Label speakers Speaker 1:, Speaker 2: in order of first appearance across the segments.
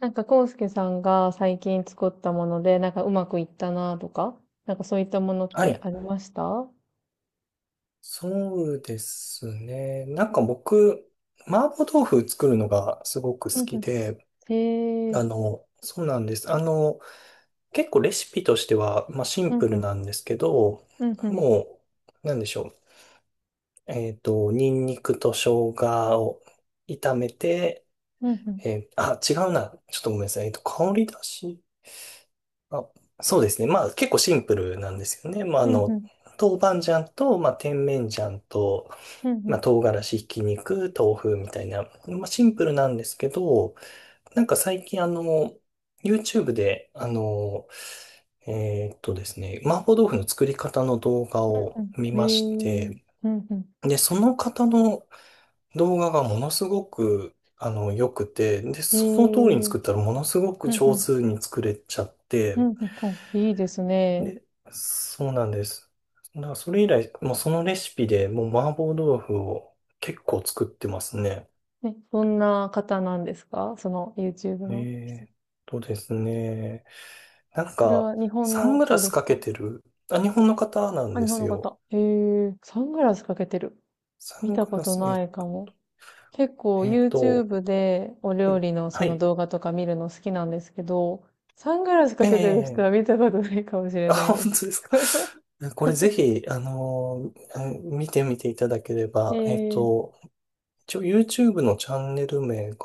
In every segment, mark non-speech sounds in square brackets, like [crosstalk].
Speaker 1: なんか、コウスケさんが最近作ったもので、なんかうまくいったなとか、なんかそういったものっ
Speaker 2: は
Speaker 1: て
Speaker 2: い。
Speaker 1: ありましたう
Speaker 2: そうですね。僕、麻婆豆腐作るのがすごく好
Speaker 1: んう
Speaker 2: き
Speaker 1: ん。
Speaker 2: で、
Speaker 1: へえ。
Speaker 2: そうなんです。結構レシピとしては、まあシン
Speaker 1: うん
Speaker 2: プ
Speaker 1: う
Speaker 2: ル
Speaker 1: ん。
Speaker 2: なんですけど、
Speaker 1: うんうん。
Speaker 2: もう、なんでしょう。ニンニクと生姜を炒めて、
Speaker 1: うんうん。
Speaker 2: 違うな。ちょっとごめんなさい。香り出し。あ、そうですね。まあ結構シンプルなんですよね。まあ
Speaker 1: うんう
Speaker 2: の、
Speaker 1: ん。
Speaker 2: 豆板醤と、まあ、甜麺醤と、
Speaker 1: うんう
Speaker 2: まあ、
Speaker 1: ん。
Speaker 2: 唐辛子、ひき肉、豆腐みたいな、まあ、シンプルなんですけど、最近YouTube で、ですね、麻婆豆腐の作り方の動画
Speaker 1: う
Speaker 2: を
Speaker 1: ん
Speaker 2: 見
Speaker 1: う
Speaker 2: まし
Speaker 1: ん。へえ。
Speaker 2: て、
Speaker 1: うんうん。
Speaker 2: で、その方の動画がものすごく、良くて、で、
Speaker 1: へえ。
Speaker 2: その通りに
Speaker 1: うん
Speaker 2: 作ったらものすごく
Speaker 1: う
Speaker 2: 上
Speaker 1: ん。
Speaker 2: 手に作れちゃっ
Speaker 1: うん
Speaker 2: て、
Speaker 1: うん。いいですね。
Speaker 2: で、そうなんです。だからそれ以来、もうそのレシピでもう麻婆豆腐を結構作ってますね。
Speaker 1: ね、どんな方なんですか、その YouTube
Speaker 2: え
Speaker 1: の。
Speaker 2: えとですね。なん
Speaker 1: それ
Speaker 2: か、
Speaker 1: は日本
Speaker 2: サ
Speaker 1: の
Speaker 2: ングラ
Speaker 1: 人
Speaker 2: ス
Speaker 1: です
Speaker 2: かけ
Speaker 1: か？
Speaker 2: てる、あ、日本の方なん
Speaker 1: あ、日
Speaker 2: で
Speaker 1: 本
Speaker 2: す
Speaker 1: の
Speaker 2: よ。
Speaker 1: 方。へえ。サングラスかけてる。
Speaker 2: サ
Speaker 1: 見
Speaker 2: ン
Speaker 1: た
Speaker 2: グ
Speaker 1: こ
Speaker 2: ラ
Speaker 1: と
Speaker 2: ス、
Speaker 1: な
Speaker 2: え、
Speaker 1: いかも。結構
Speaker 2: えっと、
Speaker 1: YouTube でお
Speaker 2: は
Speaker 1: 料
Speaker 2: い、
Speaker 1: 理のそ
Speaker 2: は
Speaker 1: の
Speaker 2: い、
Speaker 1: 動画とか見るの好きなんですけど、サングラスか
Speaker 2: え
Speaker 1: けてる人
Speaker 2: え
Speaker 1: は見たことないかもしれ
Speaker 2: あ、
Speaker 1: ない
Speaker 2: 本
Speaker 1: です。
Speaker 2: 当ですか。これぜ
Speaker 1: [laughs]
Speaker 2: ひ、うん見てみていただけれ
Speaker 1: え
Speaker 2: ば、
Speaker 1: ー、
Speaker 2: 一応 YouTube のチャンネル名が、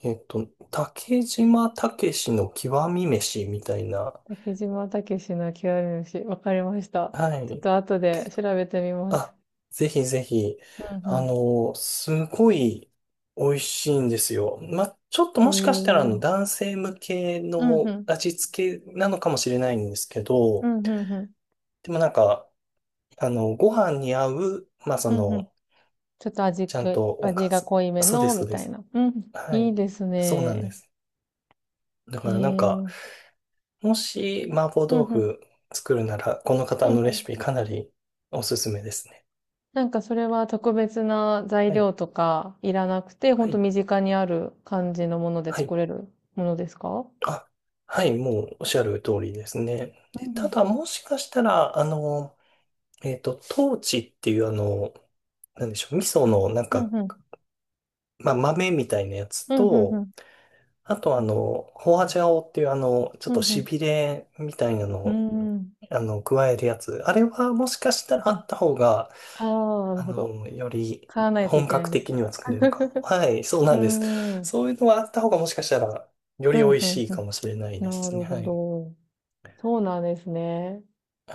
Speaker 2: えっと、竹島たけしの極み飯みたいな。
Speaker 1: 竹島武史の極み虫。わかりました。
Speaker 2: は
Speaker 1: ちょっ
Speaker 2: い。
Speaker 1: と後で調べてみます。
Speaker 2: あ、ぜひぜひ、
Speaker 1: うん
Speaker 2: すごい美味しいんですよ。ま、ちょっと
Speaker 1: う
Speaker 2: もしかしたら
Speaker 1: ん。えー、
Speaker 2: 男性向け
Speaker 1: うん
Speaker 2: の
Speaker 1: うん。
Speaker 2: 味付けなのかもしれないんですけ
Speaker 1: う
Speaker 2: ど、
Speaker 1: んうんうん。
Speaker 2: でもなんか、ご飯に合う、まあ、そ
Speaker 1: うんうん。
Speaker 2: の、
Speaker 1: ちょっと
Speaker 2: ちゃんとおか
Speaker 1: 味が
Speaker 2: ず。
Speaker 1: 濃いめ
Speaker 2: そうで
Speaker 1: の、
Speaker 2: す、そ
Speaker 1: み
Speaker 2: うで
Speaker 1: たい
Speaker 2: す。
Speaker 1: な。うん。
Speaker 2: は
Speaker 1: いい
Speaker 2: い。
Speaker 1: です
Speaker 2: そうなんで
Speaker 1: ね。
Speaker 2: す。だ
Speaker 1: へ
Speaker 2: から
Speaker 1: え。うん
Speaker 2: もし麻婆
Speaker 1: う
Speaker 2: 豆
Speaker 1: ん。
Speaker 2: 腐作るなら、この方
Speaker 1: うん
Speaker 2: のレ
Speaker 1: う
Speaker 2: シ
Speaker 1: ん。
Speaker 2: ピかなりおすすめですね。
Speaker 1: なんかそれは特別な材
Speaker 2: はい。
Speaker 1: 料とかいらなくて、ほ
Speaker 2: は
Speaker 1: んと
Speaker 2: い。
Speaker 1: 身近にある感じのもので
Speaker 2: はい。
Speaker 1: 作れるものですか？
Speaker 2: あ、はい、もうおっしゃる通りですね。
Speaker 1: う
Speaker 2: で
Speaker 1: んう
Speaker 2: た
Speaker 1: ん。
Speaker 2: だ、もしかしたら、トーチっていう、なんでしょう、味噌
Speaker 1: あ、
Speaker 2: の、なん
Speaker 1: うん
Speaker 2: か、
Speaker 1: うん。
Speaker 2: まあ、豆みたいなやつ
Speaker 1: うんうんう
Speaker 2: と、
Speaker 1: ん。
Speaker 2: あと、ホアジャオっていう、ちょっ
Speaker 1: うん
Speaker 2: と
Speaker 1: う
Speaker 2: し
Speaker 1: ん。
Speaker 2: びれみたいなの
Speaker 1: うー
Speaker 2: を、
Speaker 1: ん。
Speaker 2: 加えるやつ。あれは、もしかしたらあ
Speaker 1: うんうん。
Speaker 2: った方が、
Speaker 1: ああ、なるほど。
Speaker 2: より
Speaker 1: 買わないとい
Speaker 2: 本
Speaker 1: けない
Speaker 2: 格
Speaker 1: です
Speaker 2: 的
Speaker 1: ね。
Speaker 2: には作れるかも。
Speaker 1: [laughs]
Speaker 2: はい、そう
Speaker 1: うー
Speaker 2: なんです。
Speaker 1: ん。うん、
Speaker 2: そういうのがあった方が、もしかしたら、よ
Speaker 1: う
Speaker 2: り美
Speaker 1: ん
Speaker 2: 味
Speaker 1: う
Speaker 2: しいか
Speaker 1: ん。
Speaker 2: もしれないで
Speaker 1: な
Speaker 2: すね。
Speaker 1: る
Speaker 2: は
Speaker 1: ほ
Speaker 2: い。
Speaker 1: ど。そうなんですね。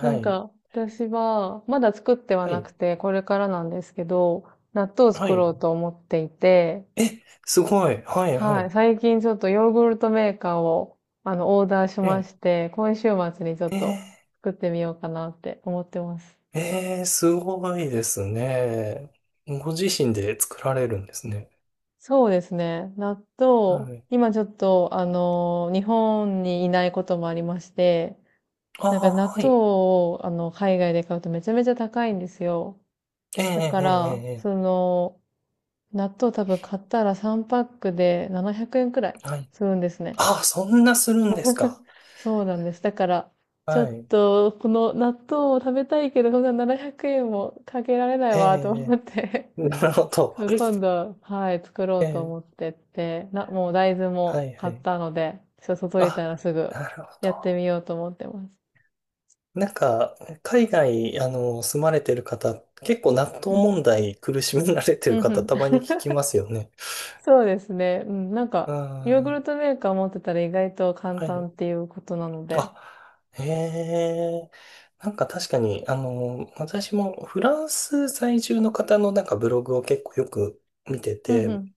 Speaker 1: なん
Speaker 2: い。
Speaker 1: か、私は、まだ作っては
Speaker 2: は
Speaker 1: な
Speaker 2: い。
Speaker 1: くて、これからなんですけど、納豆を
Speaker 2: は
Speaker 1: 作
Speaker 2: い。
Speaker 1: ろうと思っていて、
Speaker 2: え、すごい。はい、は
Speaker 1: はい。
Speaker 2: い。
Speaker 1: 最近ちょっとヨーグルトメーカーを、オーダーしま
Speaker 2: え、
Speaker 1: して、今週末にちょっ
Speaker 2: え
Speaker 1: と作ってみようかなって思ってます。
Speaker 2: すごいですね。ご自身で作られるんですね。
Speaker 1: そうですね。納豆、
Speaker 2: はい。
Speaker 1: 今ちょっと、日本にいないこともありまして、
Speaker 2: ああ、
Speaker 1: なんか納
Speaker 2: は
Speaker 1: 豆
Speaker 2: い。
Speaker 1: を、海外で買うとめちゃめちゃ高いんですよ。
Speaker 2: えー、え
Speaker 1: だか
Speaker 2: ー、
Speaker 1: ら、
Speaker 2: え
Speaker 1: その、納豆多分買ったら3パックで700円くえんくらい
Speaker 2: はい。
Speaker 1: するんですね。
Speaker 2: ああ、そんなするんですか。
Speaker 1: そうなんです。だから、ちょ
Speaker 2: は
Speaker 1: っ
Speaker 2: い。
Speaker 1: と、この納豆を食べたいけど、こんな700円もかけられないわ、と
Speaker 2: え
Speaker 1: 思っ
Speaker 2: え
Speaker 1: て。
Speaker 2: [laughs] なるほ
Speaker 1: [laughs]
Speaker 2: ど。
Speaker 1: そう、今度、はい、作ろ
Speaker 2: え
Speaker 1: うと
Speaker 2: え
Speaker 1: 思ってって、もう大豆
Speaker 2: は
Speaker 1: も
Speaker 2: い、は
Speaker 1: 買っ
Speaker 2: い。
Speaker 1: たので、ちょっと届い
Speaker 2: あ、
Speaker 1: たらすぐ
Speaker 2: なるほ
Speaker 1: やっ
Speaker 2: ど。
Speaker 1: てみようと思ってます。
Speaker 2: なんか、海外、住まれてる方、結構納豆
Speaker 1: う
Speaker 2: 問
Speaker 1: ん
Speaker 2: 題苦しめられて
Speaker 1: う
Speaker 2: る
Speaker 1: んうんう
Speaker 2: 方、
Speaker 1: ん。
Speaker 2: たまに聞きま
Speaker 1: [laughs]
Speaker 2: すよね。
Speaker 1: そうですね。うん、なんか、ヨーグ
Speaker 2: あ
Speaker 1: ルトメーカー持ってたら意外と
Speaker 2: あ、
Speaker 1: 簡
Speaker 2: は
Speaker 1: 単
Speaker 2: い。
Speaker 1: っていうことなので。
Speaker 2: あ、へえ。なんか確かに、私もフランス在住の方のなんかブログを結構よく見て
Speaker 1: うんう
Speaker 2: て、
Speaker 1: ん。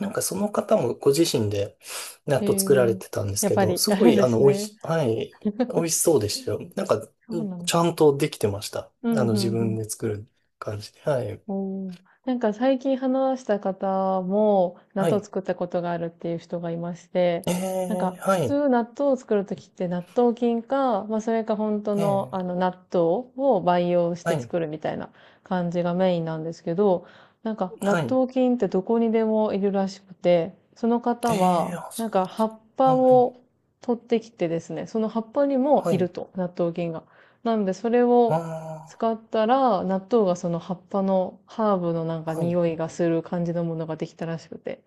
Speaker 2: なんかその方もご自身で納
Speaker 1: え
Speaker 2: 豆作られ
Speaker 1: ー、
Speaker 2: てたんです
Speaker 1: やっ
Speaker 2: け
Speaker 1: ぱ
Speaker 2: ど、
Speaker 1: り
Speaker 2: す
Speaker 1: あ
Speaker 2: ご
Speaker 1: るん
Speaker 2: い、
Speaker 1: です
Speaker 2: おい
Speaker 1: ね。
Speaker 2: し、はい、美味しそうでしたよ。なんか、
Speaker 1: [laughs] そ
Speaker 2: う
Speaker 1: う
Speaker 2: ん
Speaker 1: なんで
Speaker 2: ちゃ
Speaker 1: す
Speaker 2: ん
Speaker 1: ね。
Speaker 2: とできてました。
Speaker 1: うんうん
Speaker 2: 自
Speaker 1: う
Speaker 2: 分
Speaker 1: ん。
Speaker 2: で作る感じで。はい。
Speaker 1: おお、なんか最近話した方も、納
Speaker 2: は
Speaker 1: 豆
Speaker 2: い。
Speaker 1: 作ったことがあるっていう人がいまして、
Speaker 2: え
Speaker 1: なん
Speaker 2: え、
Speaker 1: か普
Speaker 2: はい。
Speaker 1: 通納豆を作るときって納豆菌か、まあそれか本当
Speaker 2: え
Speaker 1: のあ
Speaker 2: え、
Speaker 1: の納豆を培養し
Speaker 2: は
Speaker 1: て
Speaker 2: い。
Speaker 1: 作るみたいな感じがメインなんですけど、なんか納
Speaker 2: はい。
Speaker 1: 豆菌ってどこにでもいるらしくて、その方
Speaker 2: ええ、
Speaker 1: は
Speaker 2: あ、
Speaker 1: な
Speaker 2: そ
Speaker 1: ん
Speaker 2: うな
Speaker 1: か
Speaker 2: んで
Speaker 1: 葉
Speaker 2: す
Speaker 1: っぱ
Speaker 2: か。うんうん。
Speaker 1: を取ってきてですね、その葉っぱにも
Speaker 2: は
Speaker 1: いる
Speaker 2: い。
Speaker 1: と、納豆菌が。なのでそれを
Speaker 2: あ
Speaker 1: 使ったら、納豆がその葉っぱのハーブのなん
Speaker 2: あ、
Speaker 1: か
Speaker 2: はい。
Speaker 1: 匂いがする感じのものができたらしくて。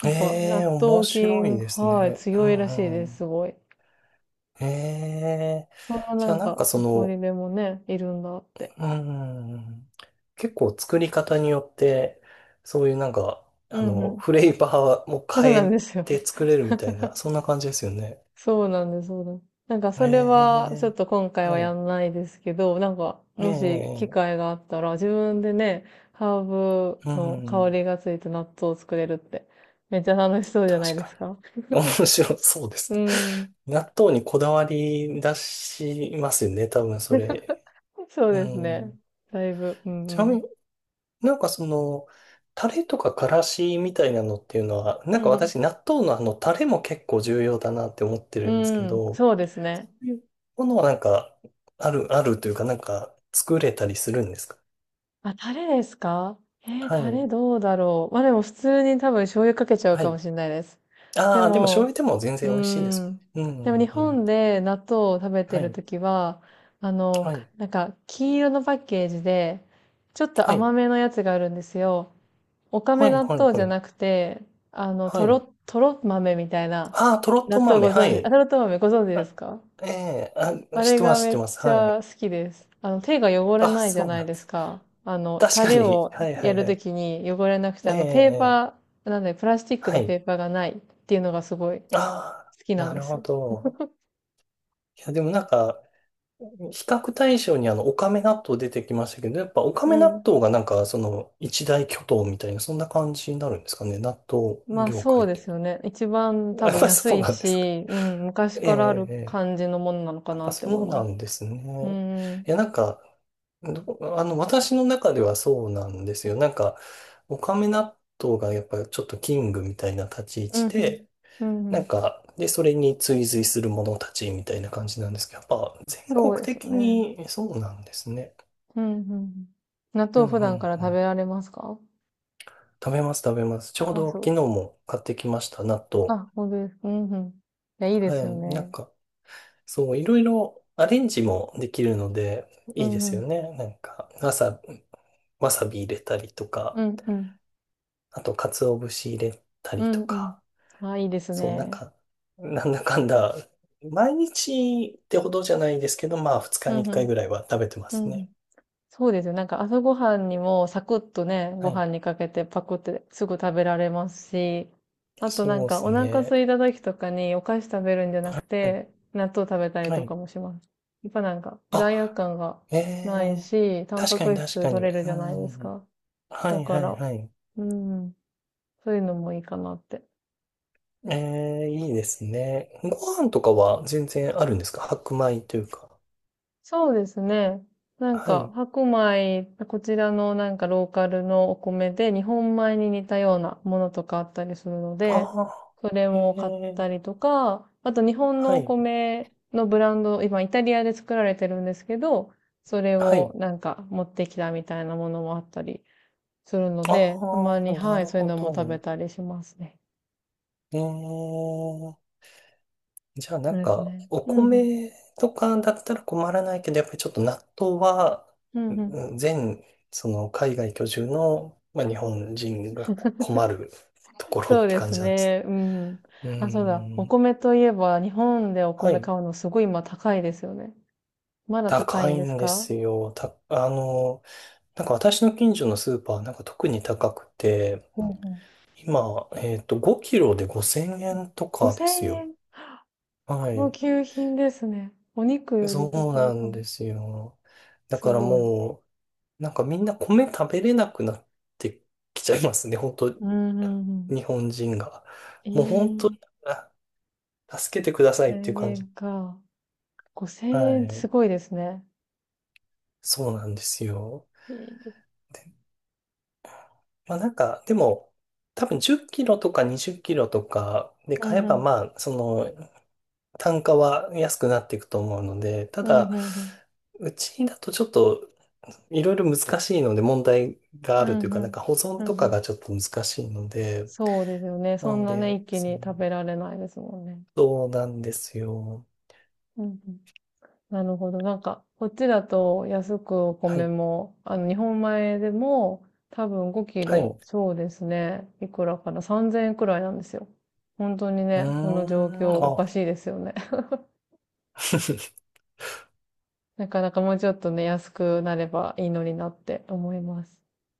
Speaker 1: なんか、
Speaker 2: え
Speaker 1: 納
Speaker 2: え、面
Speaker 1: 豆
Speaker 2: 白い
Speaker 1: 菌、
Speaker 2: です
Speaker 1: はい、
Speaker 2: ね。う
Speaker 1: 強いらしい
Speaker 2: んう
Speaker 1: です、
Speaker 2: ん。
Speaker 1: すごい。
Speaker 2: ええ、
Speaker 1: そんなな
Speaker 2: じゃあ
Speaker 1: ん
Speaker 2: なん
Speaker 1: か、
Speaker 2: かそ
Speaker 1: どこに
Speaker 2: の、
Speaker 1: でもね、いるんだって。
Speaker 2: うん、結構作り方によって、そういうなんか、
Speaker 1: うんうん。
Speaker 2: フレーバーも
Speaker 1: そうな
Speaker 2: 変
Speaker 1: ん
Speaker 2: え
Speaker 1: ですよ。
Speaker 2: て作れるみたいな、そんな感じですよね。
Speaker 1: そうなんです、そうなんです。なんか、
Speaker 2: え
Speaker 1: それは、ちょっ
Speaker 2: え、
Speaker 1: と今回は
Speaker 2: は
Speaker 1: や
Speaker 2: い。
Speaker 1: んないですけど、なんか、
Speaker 2: え
Speaker 1: もし機
Speaker 2: え、
Speaker 1: 会があったら、自分でね、ハーブ
Speaker 2: う
Speaker 1: の香
Speaker 2: ん、
Speaker 1: りがついた納豆を作れるって、めっちゃ楽しそうじゃない
Speaker 2: 確
Speaker 1: で
Speaker 2: か
Speaker 1: すか。
Speaker 2: に。面白そうです
Speaker 1: うん。
Speaker 2: ね。[laughs] 納豆にこだわり出しますよね、多分それ。
Speaker 1: そう
Speaker 2: う
Speaker 1: ですね。
Speaker 2: ん。
Speaker 1: だいぶ、うんう
Speaker 2: ちなみに
Speaker 1: ん。
Speaker 2: なんかその、タレとかからしみたいなのっていうのは、な
Speaker 1: う
Speaker 2: んか
Speaker 1: んう
Speaker 2: 私、納豆のタレも結構重要だなって思ってるんですけ
Speaker 1: ん。うん、
Speaker 2: ど、
Speaker 1: そうです
Speaker 2: そ
Speaker 1: ね。
Speaker 2: ういうものはなんか、あるというか、なんか、作れたりするんですか？
Speaker 1: あ、タレですか？えー、
Speaker 2: は
Speaker 1: タレ
Speaker 2: い。
Speaker 1: どうだろう。ま、でも普通に多分醤油かけちゃう
Speaker 2: は
Speaker 1: かも
Speaker 2: い。
Speaker 1: しれないです。で
Speaker 2: ああ、でも醤
Speaker 1: も、
Speaker 2: 油でも全
Speaker 1: うー
Speaker 2: 然美味しいです
Speaker 1: ん、
Speaker 2: もん
Speaker 1: でも日
Speaker 2: ね。うんうんう
Speaker 1: 本
Speaker 2: ん。
Speaker 1: で納豆を食べて
Speaker 2: は
Speaker 1: る
Speaker 2: い。
Speaker 1: ときは、
Speaker 2: は
Speaker 1: か
Speaker 2: い。
Speaker 1: なんか黄色のパッケージで、ちょっと
Speaker 2: はい。
Speaker 1: 甘めのやつがあるんですよ。おか
Speaker 2: は
Speaker 1: め
Speaker 2: い、
Speaker 1: 納
Speaker 2: はい、
Speaker 1: 豆
Speaker 2: は
Speaker 1: じゃ
Speaker 2: い。
Speaker 1: なくて、
Speaker 2: は
Speaker 1: とろ
Speaker 2: い。
Speaker 1: とろ豆みたいな、
Speaker 2: ああ、とろっ
Speaker 1: 納
Speaker 2: と
Speaker 1: 豆ご
Speaker 2: 豆。は
Speaker 1: 存知あ、と
Speaker 2: い。
Speaker 1: ろとろ豆ご存知です
Speaker 2: あ、
Speaker 1: か？
Speaker 2: ええあ、
Speaker 1: あ
Speaker 2: 知っ
Speaker 1: れ
Speaker 2: てま
Speaker 1: が
Speaker 2: す、知っ
Speaker 1: め
Speaker 2: て
Speaker 1: っ
Speaker 2: ます。
Speaker 1: ち
Speaker 2: は
Speaker 1: ゃ
Speaker 2: い。
Speaker 1: 好きです。手が汚れ
Speaker 2: あ、
Speaker 1: ないじゃ
Speaker 2: そう
Speaker 1: な
Speaker 2: な
Speaker 1: い
Speaker 2: ん
Speaker 1: で
Speaker 2: で
Speaker 1: す
Speaker 2: す。
Speaker 1: か。
Speaker 2: 確
Speaker 1: タ
Speaker 2: か
Speaker 1: レ
Speaker 2: に。
Speaker 1: を
Speaker 2: はい、は
Speaker 1: や
Speaker 2: い、
Speaker 1: る
Speaker 2: は
Speaker 1: と
Speaker 2: い。
Speaker 1: きに汚れなくて、
Speaker 2: え
Speaker 1: ペー
Speaker 2: え
Speaker 1: パ
Speaker 2: ええ
Speaker 1: ー、なんで、プラスチック
Speaker 2: は
Speaker 1: のペ
Speaker 2: い。
Speaker 1: ーパーがないっていうのがすごい好
Speaker 2: あ
Speaker 1: き
Speaker 2: あ、
Speaker 1: な
Speaker 2: な
Speaker 1: んで
Speaker 2: るほ
Speaker 1: すよ。
Speaker 2: ど。いや、でもなんか、比較対象にオカメ納豆出てきましたけど、やっぱオカ
Speaker 1: う
Speaker 2: メ納
Speaker 1: ん。
Speaker 2: 豆がなんか、その、一大巨頭みたいな、そんな感じになるんですかね。納豆
Speaker 1: まあ
Speaker 2: 業
Speaker 1: そ
Speaker 2: 界
Speaker 1: う
Speaker 2: っ
Speaker 1: で
Speaker 2: ていう
Speaker 1: すよね。一番
Speaker 2: の
Speaker 1: 多
Speaker 2: は。や
Speaker 1: 分
Speaker 2: っぱり
Speaker 1: 安
Speaker 2: そう
Speaker 1: い
Speaker 2: なんですか。
Speaker 1: し、うん、
Speaker 2: え
Speaker 1: 昔
Speaker 2: え、
Speaker 1: からある
Speaker 2: ええ
Speaker 1: 感じのものなのか
Speaker 2: やっぱ
Speaker 1: なって思
Speaker 2: そ
Speaker 1: い
Speaker 2: う
Speaker 1: ま
Speaker 2: な
Speaker 1: す。
Speaker 2: んです
Speaker 1: う
Speaker 2: ね。
Speaker 1: ん、うん、
Speaker 2: いや、なんか、ど私の中ではそうなんですよ。なんか、オカメ納豆がやっぱりちょっとキングみたいな立ち位
Speaker 1: うん、
Speaker 2: 置で、
Speaker 1: うん、う
Speaker 2: なん
Speaker 1: ん。
Speaker 2: か、で、それに追随する者たちみたいな感じなんですけど、やっぱ全国
Speaker 1: そうですよ
Speaker 2: 的
Speaker 1: ね。
Speaker 2: にそうなんですね。
Speaker 1: うん、うん。納
Speaker 2: うん
Speaker 1: 豆
Speaker 2: う
Speaker 1: 普
Speaker 2: ん
Speaker 1: 段から
Speaker 2: う
Speaker 1: 食
Speaker 2: ん。
Speaker 1: べられますか？
Speaker 2: 食べます食べます。ち
Speaker 1: 食
Speaker 2: ょう
Speaker 1: べま
Speaker 2: ど
Speaker 1: す。
Speaker 2: 昨日も買ってきました、納豆。
Speaker 1: あ、ほんですか。うんうん。いや、いいで
Speaker 2: は
Speaker 1: すよ
Speaker 2: い。なん
Speaker 1: ね。
Speaker 2: か、そう、いろいろアレンジもできるので、
Speaker 1: う
Speaker 2: いいで
Speaker 1: んう
Speaker 2: すよ
Speaker 1: ん。
Speaker 2: ね。なんか、わさび入れたりと
Speaker 1: う
Speaker 2: か、
Speaker 1: んうん。
Speaker 2: あと、鰹節入れた
Speaker 1: う
Speaker 2: りと
Speaker 1: んうん。
Speaker 2: か、
Speaker 1: あ、いいです
Speaker 2: そう、なん
Speaker 1: ね。
Speaker 2: か、なんだかんだ、毎日ってほどじゃないですけど、まあ、2日
Speaker 1: う
Speaker 2: に
Speaker 1: ん
Speaker 2: 1
Speaker 1: う
Speaker 2: 回
Speaker 1: ん。
Speaker 2: ぐらいは食べてま
Speaker 1: うん
Speaker 2: す
Speaker 1: う
Speaker 2: ね。
Speaker 1: ん。そうですよ。なんか朝ごはんにもサクッとね、
Speaker 2: は
Speaker 1: ご
Speaker 2: い。
Speaker 1: 飯にかけてパクってすぐ食べられますし、あとなん
Speaker 2: そうで
Speaker 1: か
Speaker 2: す
Speaker 1: お腹
Speaker 2: ね。
Speaker 1: 空いた時とかにお菓子食べるんじゃな
Speaker 2: は
Speaker 1: く
Speaker 2: い。
Speaker 1: て、納豆食べたり
Speaker 2: は
Speaker 1: とか
Speaker 2: い。
Speaker 1: もします。やっぱなんか罪悪
Speaker 2: あ、
Speaker 1: 感が
Speaker 2: え
Speaker 1: ない
Speaker 2: え
Speaker 1: し、タン
Speaker 2: 確
Speaker 1: パ
Speaker 2: かに
Speaker 1: ク
Speaker 2: 確
Speaker 1: 質
Speaker 2: か
Speaker 1: 取
Speaker 2: に。
Speaker 1: れる
Speaker 2: う
Speaker 1: じゃないです
Speaker 2: ん。
Speaker 1: か。
Speaker 2: は
Speaker 1: だ
Speaker 2: い
Speaker 1: か
Speaker 2: はい
Speaker 1: ら、
Speaker 2: はい。
Speaker 1: うん、そういうのもいいかなって。
Speaker 2: ええいいですね。ご飯とかは全然あるんですか？白米というか。
Speaker 1: そうですね。なん
Speaker 2: は
Speaker 1: か、
Speaker 2: い。
Speaker 1: 白米、こちらのなんかローカルのお米で日本米に似たようなものとかあったりするので、
Speaker 2: あ
Speaker 1: それ
Speaker 2: あ、
Speaker 1: も買った
Speaker 2: え
Speaker 1: り
Speaker 2: え
Speaker 1: とか、あと日本
Speaker 2: は
Speaker 1: のお
Speaker 2: い。
Speaker 1: 米のブランド、今イタリアで作られてるんですけど、それ
Speaker 2: は
Speaker 1: を
Speaker 2: い。
Speaker 1: なんか持ってきたみたいなものもあったりするの
Speaker 2: あ
Speaker 1: で、たまに、
Speaker 2: あ、な
Speaker 1: はい、
Speaker 2: る
Speaker 1: そういう
Speaker 2: ほ
Speaker 1: のも食べ
Speaker 2: ど。
Speaker 1: たりしますね。
Speaker 2: ええじゃあな
Speaker 1: そう
Speaker 2: ん
Speaker 1: です
Speaker 2: か、
Speaker 1: ね。
Speaker 2: お
Speaker 1: うんうん。
Speaker 2: 米とかだったら困らないけど、やっぱりちょっと納豆は、
Speaker 1: うんうん。
Speaker 2: うん全、その海外居住の、まあ、日本人が困るところ
Speaker 1: そ
Speaker 2: っ
Speaker 1: う
Speaker 2: て
Speaker 1: で
Speaker 2: 感
Speaker 1: す
Speaker 2: じなんです。
Speaker 1: ね。うん。
Speaker 2: うー
Speaker 1: あ、そうだ。お
Speaker 2: ん。
Speaker 1: 米といえば、日本でお
Speaker 2: は
Speaker 1: 米
Speaker 2: い。
Speaker 1: 買うのすごい今高いですよね。まだ高い
Speaker 2: 高
Speaker 1: ん
Speaker 2: い
Speaker 1: です
Speaker 2: んで
Speaker 1: か？
Speaker 2: すよ。た、なんか私の近所のスーパーなんか特に高くて、
Speaker 1: ほうほ
Speaker 2: 今、5キロで5000
Speaker 1: う。
Speaker 2: 円とかです
Speaker 1: 5000
Speaker 2: よ。
Speaker 1: 円。
Speaker 2: は
Speaker 1: 高
Speaker 2: い。
Speaker 1: 級品ですね。お肉より
Speaker 2: そう
Speaker 1: 高い
Speaker 2: な
Speaker 1: か
Speaker 2: ん
Speaker 1: も
Speaker 2: で
Speaker 1: し
Speaker 2: すよ。だ
Speaker 1: す
Speaker 2: から
Speaker 1: ごい。
Speaker 2: もう、なんかみんな米食べれなくなってきちゃいますね、本当
Speaker 1: うん、うん、うん。
Speaker 2: 日本人が。
Speaker 1: え
Speaker 2: もう本当、
Speaker 1: え、
Speaker 2: あ助けてくださいっていう
Speaker 1: 1000
Speaker 2: 感
Speaker 1: 円
Speaker 2: じ。
Speaker 1: か。5000
Speaker 2: は
Speaker 1: 円ってす
Speaker 2: い。
Speaker 1: ごいですね。
Speaker 2: そうなんですよ。
Speaker 1: ええ、
Speaker 2: で、まあなんか、でも、多分10キロとか20キロとかで
Speaker 1: う
Speaker 2: 買
Speaker 1: ん、
Speaker 2: え
Speaker 1: う
Speaker 2: ば、
Speaker 1: ん。
Speaker 2: まあ、その、単価は安くなっていくと思うので、た
Speaker 1: うん、うん、
Speaker 2: だ、
Speaker 1: うん。
Speaker 2: うちだとちょっと、いろいろ難しいので、問題があ
Speaker 1: う
Speaker 2: るという
Speaker 1: ん、う
Speaker 2: か、なん
Speaker 1: ん。
Speaker 2: か保存
Speaker 1: う
Speaker 2: と
Speaker 1: んう
Speaker 2: か
Speaker 1: ん、
Speaker 2: がちょっと難しいので、
Speaker 1: そうですよね。
Speaker 2: な
Speaker 1: そん
Speaker 2: の
Speaker 1: なね、
Speaker 2: で、
Speaker 1: 一気
Speaker 2: その
Speaker 1: に食べられないですもんね。
Speaker 2: そうなんですよ。
Speaker 1: うんうん、なるほど。なんか、こっちだと安くお
Speaker 2: は
Speaker 1: 米
Speaker 2: い。
Speaker 1: も、日本米でも多分5キ
Speaker 2: はい。う
Speaker 1: ロ、そうですね。いくらかな？ 3000 円くらいなんですよ。本当に
Speaker 2: ー
Speaker 1: ね、この状況
Speaker 2: ん、
Speaker 1: お
Speaker 2: あ。
Speaker 1: かしいですよね。[laughs]
Speaker 2: [laughs]
Speaker 1: なかなかもうちょっとね、安くなればいいのになって思います。